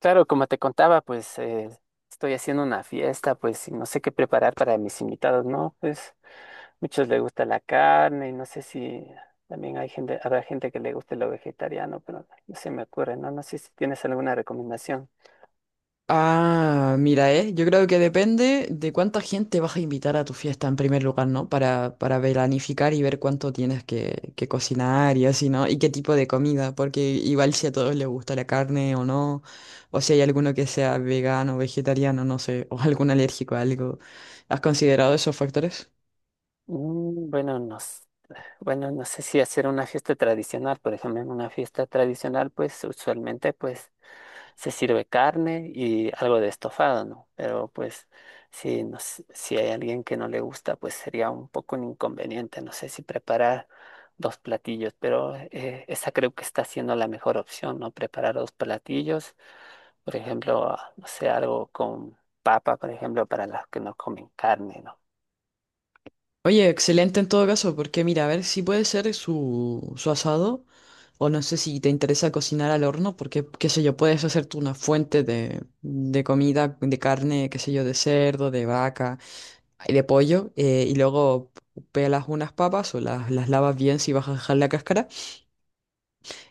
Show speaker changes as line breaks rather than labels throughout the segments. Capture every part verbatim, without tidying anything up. Claro, como te contaba, pues eh, estoy haciendo una fiesta, pues y no sé qué preparar para mis invitados, ¿no? Pues muchos les gusta la carne, y no sé si también hay gente, habrá gente que le guste lo vegetariano, pero no se me ocurre, ¿no? No sé si tienes alguna recomendación.
Ah, mira, eh, yo creo que depende de cuánta gente vas a invitar a tu fiesta en primer lugar, ¿no? Para, para planificar y ver cuánto tienes que, que cocinar y así, ¿no? Y qué tipo de comida, porque igual si a todos les gusta la carne o no, o si hay alguno que sea vegano, vegetariano, no sé, o algún alérgico a algo. ¿Has considerado esos factores?
Mm, bueno, no, s- bueno, no sé si hacer una fiesta tradicional. Por ejemplo, en una fiesta tradicional, pues usualmente, pues se sirve carne y algo de estofado, ¿no? Pero pues si, nos- si hay alguien que no le gusta, pues sería un poco un inconveniente. No sé si preparar dos platillos, pero eh, esa creo que está siendo la mejor opción, ¿no? Preparar dos platillos, por ejemplo, ah, no sé, algo con papa, por ejemplo, para los que no comen carne, ¿no?
Oye, excelente en todo caso, porque mira, a ver si puede ser su, su asado. O no sé si te interesa cocinar al horno, porque, qué sé yo, puedes hacerte una fuente de, de comida, de carne, qué sé yo, de cerdo, de vaca, y de pollo, eh, y luego pelas unas papas o las, las lavas bien si vas a dejar la cáscara,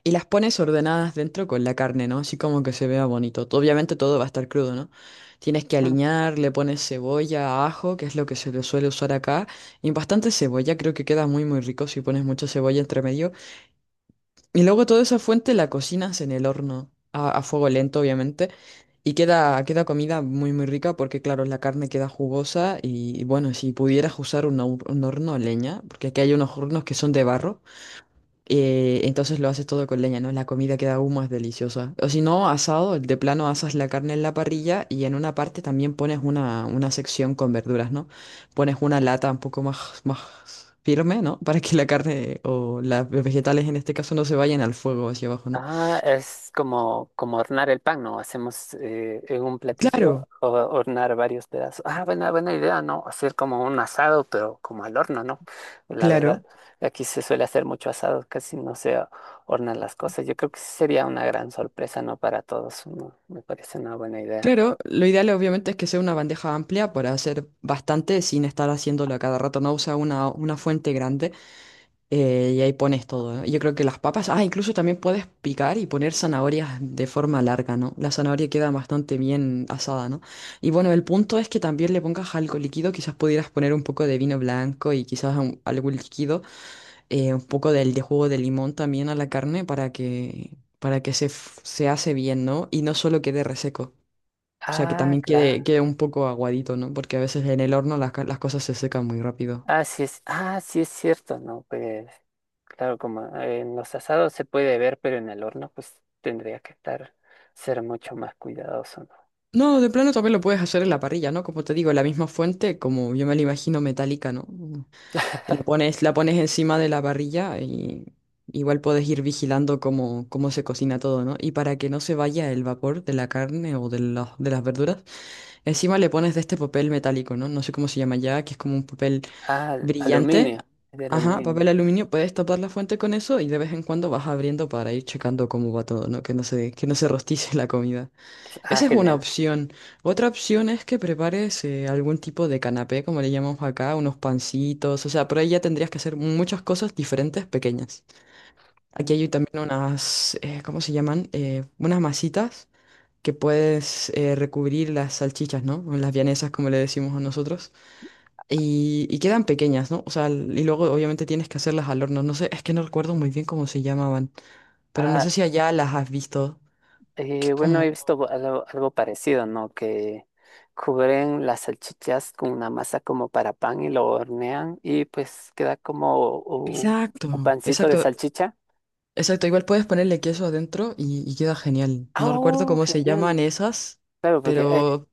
y las pones ordenadas dentro con la carne, ¿no? Así como que se vea bonito. Tú- Obviamente todo va a estar crudo, ¿no? Tienes que aliñar, le pones cebolla, ajo, que es lo que se le suele usar acá, y bastante cebolla, creo que queda muy muy rico si pones mucha cebolla entre medio. Y luego toda esa fuente la cocinas en el horno, a, a fuego lento, obviamente. Y queda, queda comida muy, muy rica porque, claro, la carne queda jugosa. Y, bueno, si pudieras usar un, hor- un horno a leña, porque aquí hay unos hornos que son de barro. Eh, entonces lo haces todo con leña, ¿no? La comida queda aún más deliciosa. O si no, asado, de plano asas la carne en la parrilla y en una parte también pones una, una sección con verduras, ¿no? Pones una lata un poco más, más firme, ¿no? Para que la carne o las vegetales en este caso no se vayan al fuego hacia abajo, ¿no?
Ah, es como, como hornear el pan, ¿no? Hacemos eh, en un platillo
Claro,
o- hornear varios pedazos. Ah, buena, buena idea, ¿no? Hacer como un asado, pero como al horno, ¿no? La verdad,
claro.
aquí se suele hacer mucho asado, casi no se hornan las cosas. Yo creo que sí sería una gran sorpresa, ¿no? Para todos, ¿no? Me parece una buena idea.
Claro, lo ideal obviamente es que sea una bandeja amplia para hacer bastante sin estar haciéndolo a cada rato, no usa una, una fuente grande eh, y ahí pones todo, ¿no? Yo creo que las papas, ah, incluso también puedes picar y poner zanahorias de forma larga, ¿no? La zanahoria queda bastante bien asada, ¿no? Y bueno, el punto es que también le pongas algo líquido, quizás pudieras poner un poco de vino blanco y quizás un- algo líquido, eh, un poco del, de jugo de limón también a la carne para que, para que se, f- se hace bien, ¿no? Y no solo quede reseco. O sea, que
Ah,
también quede,
claro.
quede un poco aguadito, ¿no? Porque a veces en el horno las, ca- las cosas se secan muy rápido.
Ah, sí es, ah, sí es cierto, ¿no? Pues, claro, como eh, en los asados se puede ver, pero en el horno, pues tendría que estar, ser mucho más cuidadoso, ¿no?
No, de plano también lo puedes hacer en la parrilla, ¿no? Como te digo, la misma fuente, como yo me la imagino metálica, ¿no? La pones, la pones encima de la parrilla y igual puedes ir vigilando cómo, cómo se cocina todo, ¿no? Y para que no se vaya el vapor de la carne o de las, de las verduras, encima le pones de este papel metálico, ¿no? No sé cómo se llama ya, que es como un papel
Ah,
brillante.
aluminio, es de
Ajá,
aluminio.
papel aluminio, puedes tapar la fuente con eso y de vez en cuando vas abriendo para ir checando cómo va todo, ¿no? Que no se, que no se rostice la comida.
Ah,
Esa es una
genial.
opción. Otra opción es que prepares eh, algún tipo de canapé, como le llamamos acá, unos pancitos, o sea, por ahí ya tendrías que hacer muchas cosas diferentes, pequeñas. Aquí hay también unas, eh, ¿cómo se llaman? Eh, unas masitas que puedes eh, recubrir las salchichas, ¿no? O las vienesas, como le decimos a nosotros. Y, y quedan pequeñas, ¿no? O sea, l- y luego obviamente tienes que hacerlas al horno. No sé, es que no recuerdo muy bien cómo se llamaban, pero no
Ah,
sé si allá las has visto. Que
eh,
es
bueno, he
como...
visto algo, algo parecido, ¿no? Que cubren las salchichas con una masa como para pan y lo hornean y pues queda como u-
Exacto,
un pancito de
exacto.
salchicha.
Exacto, igual puedes ponerle queso adentro y, y queda genial.
Ah,
No recuerdo
¡oh,
cómo se llaman
genial!
esas,
Claro, porque eh,
pero...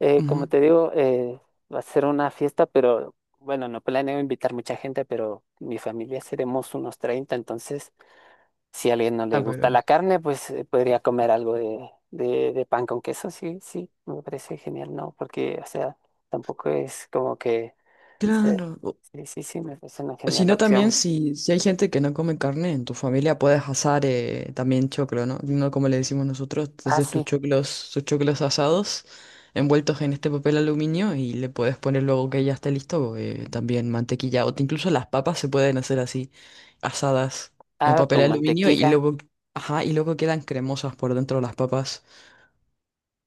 eh, como
ujú.
te digo, eh, va a ser una fiesta, pero bueno, no planeo invitar mucha gente, pero mi familia seremos unos treinta. Entonces si a alguien no
Ah,
le gusta
pero...
la carne, pues eh, podría comer algo de, de, de pan con queso. Sí, sí, me parece genial, ¿no? Porque, o sea, tampoco es como que... se-
Claro.
sí, sí, sí, me parece una genial
Sino también
opción.
si, si hay gente que no come carne en tu familia, puedes asar eh, también choclo, ¿no? No como le decimos nosotros,
Ah,
entonces tus
sí,
choclos, tus choclos asados envueltos en este papel aluminio y le puedes poner luego que ya esté listo eh, también mantequilla. O te- incluso las papas se pueden hacer así, asadas en
ah,
papel
con
aluminio y
mantequilla.
luego, ajá, y luego quedan cremosas por dentro las papas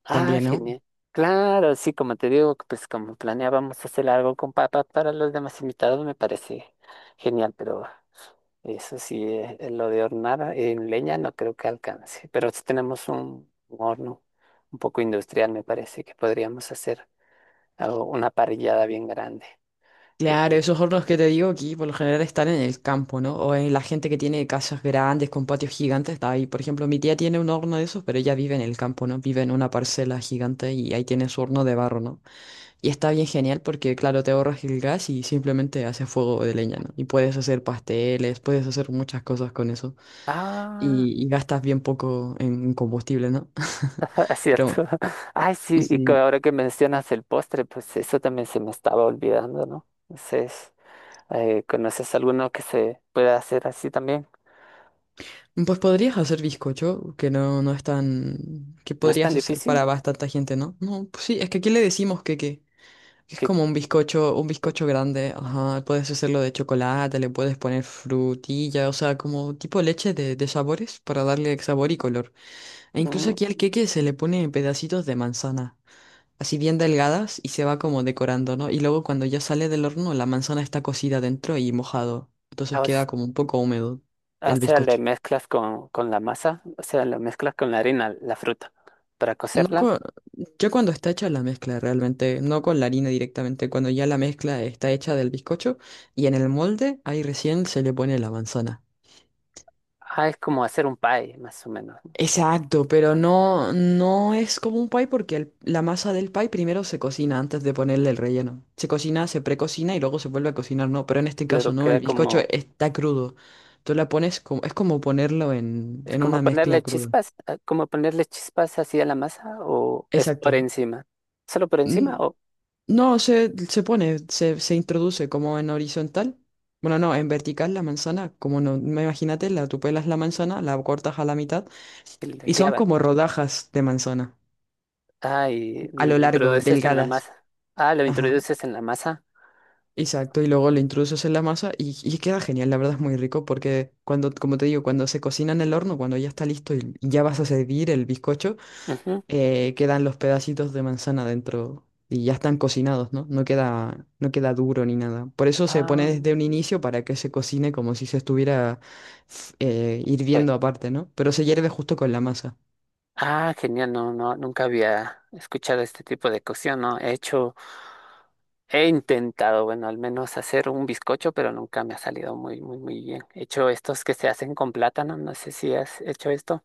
Ah,
también, ¿no?
genial. Claro, sí, como te digo, pues como planeábamos hacer algo con papá para los demás invitados, me parece genial. Pero eso sí, eh, eh, lo de hornar en leña no creo que alcance, pero si tenemos un, un horno un poco industrial, me parece que podríamos hacer algo- una parrillada bien grande.
Claro,
Eh,
esos hornos que te digo aquí por lo general están en el campo, ¿no? O en la gente que tiene casas grandes con patios gigantes, está ahí. Por ejemplo, mi tía tiene un horno de esos, pero ella vive en el campo, ¿no? Vive en una parcela gigante y ahí tiene su horno de barro, ¿no? Y está bien genial porque, claro, te ahorras el gas y simplemente haces fuego de leña, ¿no? Y puedes hacer pasteles, puedes hacer muchas cosas con eso.
Ah,
Y, y gastas bien poco en combustible, ¿no?
es
Pero bueno.
cierto. Ay, sí, y que
Sí.
ahora que mencionas el postre, pues eso también se me estaba olvidando, ¿no? Eh, ¿conoces alguno que se pueda hacer así también?
Pues podrías hacer bizcocho, que no, no es tan... que
No es tan
podrías hacer para
difícil
bastante gente, ¿no? No, pues sí, es que aquí le decimos que, que, que es
que
como un bizcocho, un
que,
bizcocho grande, ajá, puedes hacerlo de chocolate, le puedes poner frutilla, o sea, como tipo leche de, de sabores para darle sabor y color. E incluso aquí
mm,
al queque se le pone pedacitos de manzana, así bien delgadas y se va como decorando, ¿no? Y luego cuando ya sale del horno, la manzana está cocida dentro y mojado, entonces
a veces-
queda como un poco húmedo
o
el
sea, le
bizcocho.
mezclas con, con la masa, o sea, le mezclas con la harina, la fruta, para
No
cocerla.
co- Yo cuando está hecha la mezcla realmente, no con la harina directamente, cuando ya la mezcla está hecha del bizcocho y en el molde, ahí recién se le pone la manzana.
Ah, es como hacer un pie, más o menos, ¿no?
Exacto, pero
Como-
no, no es como un pie porque el- la masa del pie primero se cocina antes de ponerle el relleno. Se cocina, se precocina y luego se vuelve a cocinar, no, pero en este caso
claro,
no,
queda
el
como,
bizcocho está crudo. Tú la pones como, es como ponerlo en,
es
en
como
una mezcla
ponerle
cruda.
chispas, eh, como ponerle chispas así a la masa, o es por
Exacto.
encima. ¿Solo por encima
Mm.
o
No, se, se pone, se, se introduce como en horizontal. Bueno, no, en vertical la manzana, como no, me imagínate, la, tú pelas la manzana, la cortas a la mitad
le
y son
clavas?
como rodajas de manzana,
Ah, y
a lo
lo
largo,
introduces en la
delgadas.
masa. Ah, lo
Ajá,
introduces en la masa.
exacto, y luego lo introduces en la masa y, y queda genial, la verdad es muy rico porque cuando, como te digo, cuando se cocina en el horno, cuando ya está listo y ya vas a servir el bizcocho,
Ujú.
eh, quedan los pedacitos de manzana dentro y ya están cocinados, ¿no? No queda, no queda duro ni nada. Por eso se pone
Ah.
desde un inicio para que se cocine como si se estuviera f- eh, hirviendo aparte, ¿no? Pero se hierve justo con la masa.
Ah, genial, no, no, nunca había escuchado este tipo de cocción, ¿no? He hecho, he intentado, bueno, al menos hacer un bizcocho, pero nunca me ha salido muy, muy, muy bien. He hecho estos que se hacen con plátano, no sé si has hecho esto.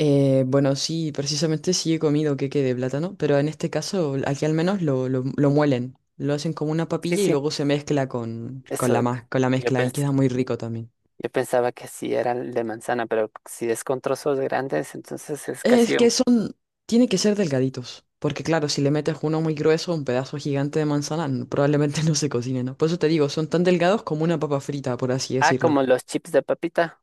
Eh, bueno, sí, precisamente sí he comido queque de plátano, pero en este caso aquí al menos lo, lo, lo muelen. Lo hacen como una
Sí,
papilla y
sí,
luego se mezcla con, con
eso,
la, ma- con la
yo
mezcla y
pens-
queda muy rico también.
yo pensaba que sí era el de manzana, pero si es con trozos grandes, entonces es
Es
casi
que
un...
son Tiene que ser delgaditos, porque claro, si le metes uno muy grueso, un pedazo gigante de manzana, n- probablemente no se cocine, ¿no? Por eso te digo, son tan delgados como una papa frita, por así
Ah,
decirlo.
como los chips de papita,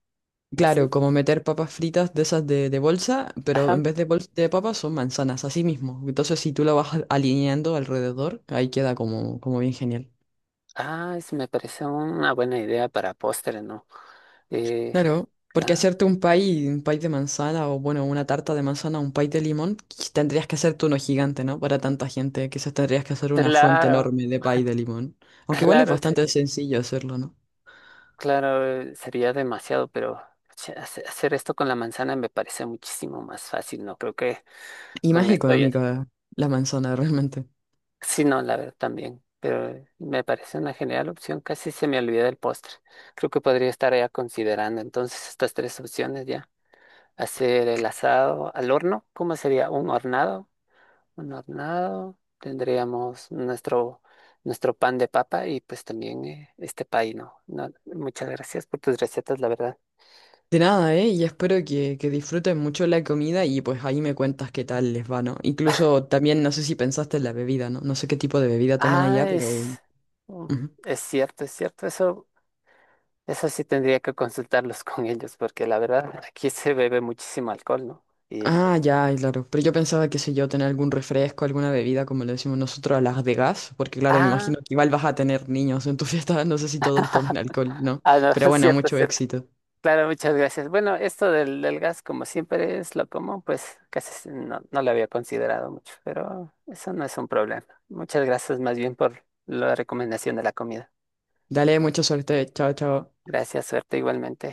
Claro,
así.
como meter papas fritas de esas de, de bolsa, pero
Ajá.
en vez de bolsa de papas son manzanas, así mismo. Entonces, si tú lo vas a- alineando alrededor, ahí queda como, como bien genial.
Ah, eso me parece una buena idea para postre, ¿no? Eh,
Claro, porque hacerte un pie, un pie de manzana o bueno, una tarta de manzana, un pie de limón, quiz- tendrías que hacerte uno gigante, ¿no? Para tanta gente, quizás tendrías que hacer una fuente
Claro,
enorme de pie de limón. Aunque igual es
claro,
bastante
sería-
sencillo hacerlo, ¿no?
claro, eh, sería demasiado, pero che, hace- hacer esto con la manzana me parece muchísimo más fácil, no creo que
Y más
con esto ya.
económica la manzana, realmente.
Sí, no, la verdad también, pero eh, me parece una genial opción, casi se me olvida el postre. Creo que podría estar ya considerando entonces estas tres opciones ya. Hacer el asado al horno, ¿cómo sería? ¿Un hornado? Un hornado, tendríamos nuestro, nuestro pan de papa y pues también eh, este pay, ¿no? No, muchas gracias por tus recetas, la verdad.
De nada, ¿eh? Y espero que, que disfruten mucho la comida y pues ahí me cuentas qué tal les va, ¿no? Incluso también no sé si pensaste en la bebida, ¿no? No sé qué tipo de bebida toman
Ah,
allá, pero... ujú.
es, mm, es cierto, es cierto, eso, eso sí tendría que consultarlos con ellos, porque la verdad aquí se bebe muchísimo alcohol, ¿no? Y,
Ah, ya, claro. Pero yo pensaba, qué sé yo, tener algún refresco, alguna bebida, como le decimos nosotros a las de gas, porque claro, me
ah,
imagino que igual vas a tener niños en tu fiesta, no sé si todos tomen alcohol, ¿no?
ah, no,
Pero
es
bueno,
cierto, es
mucho
cierto.
éxito.
Claro, muchas gracias. Bueno, esto del, del gas, como siempre es lo común, pues casi s- no, no lo había considerado mucho, pero eso no es un problema. Muchas gracias más bien por la recomendación de la comida.
Dale, mucha suerte. Chao, chao.
Gracias, suerte igualmente.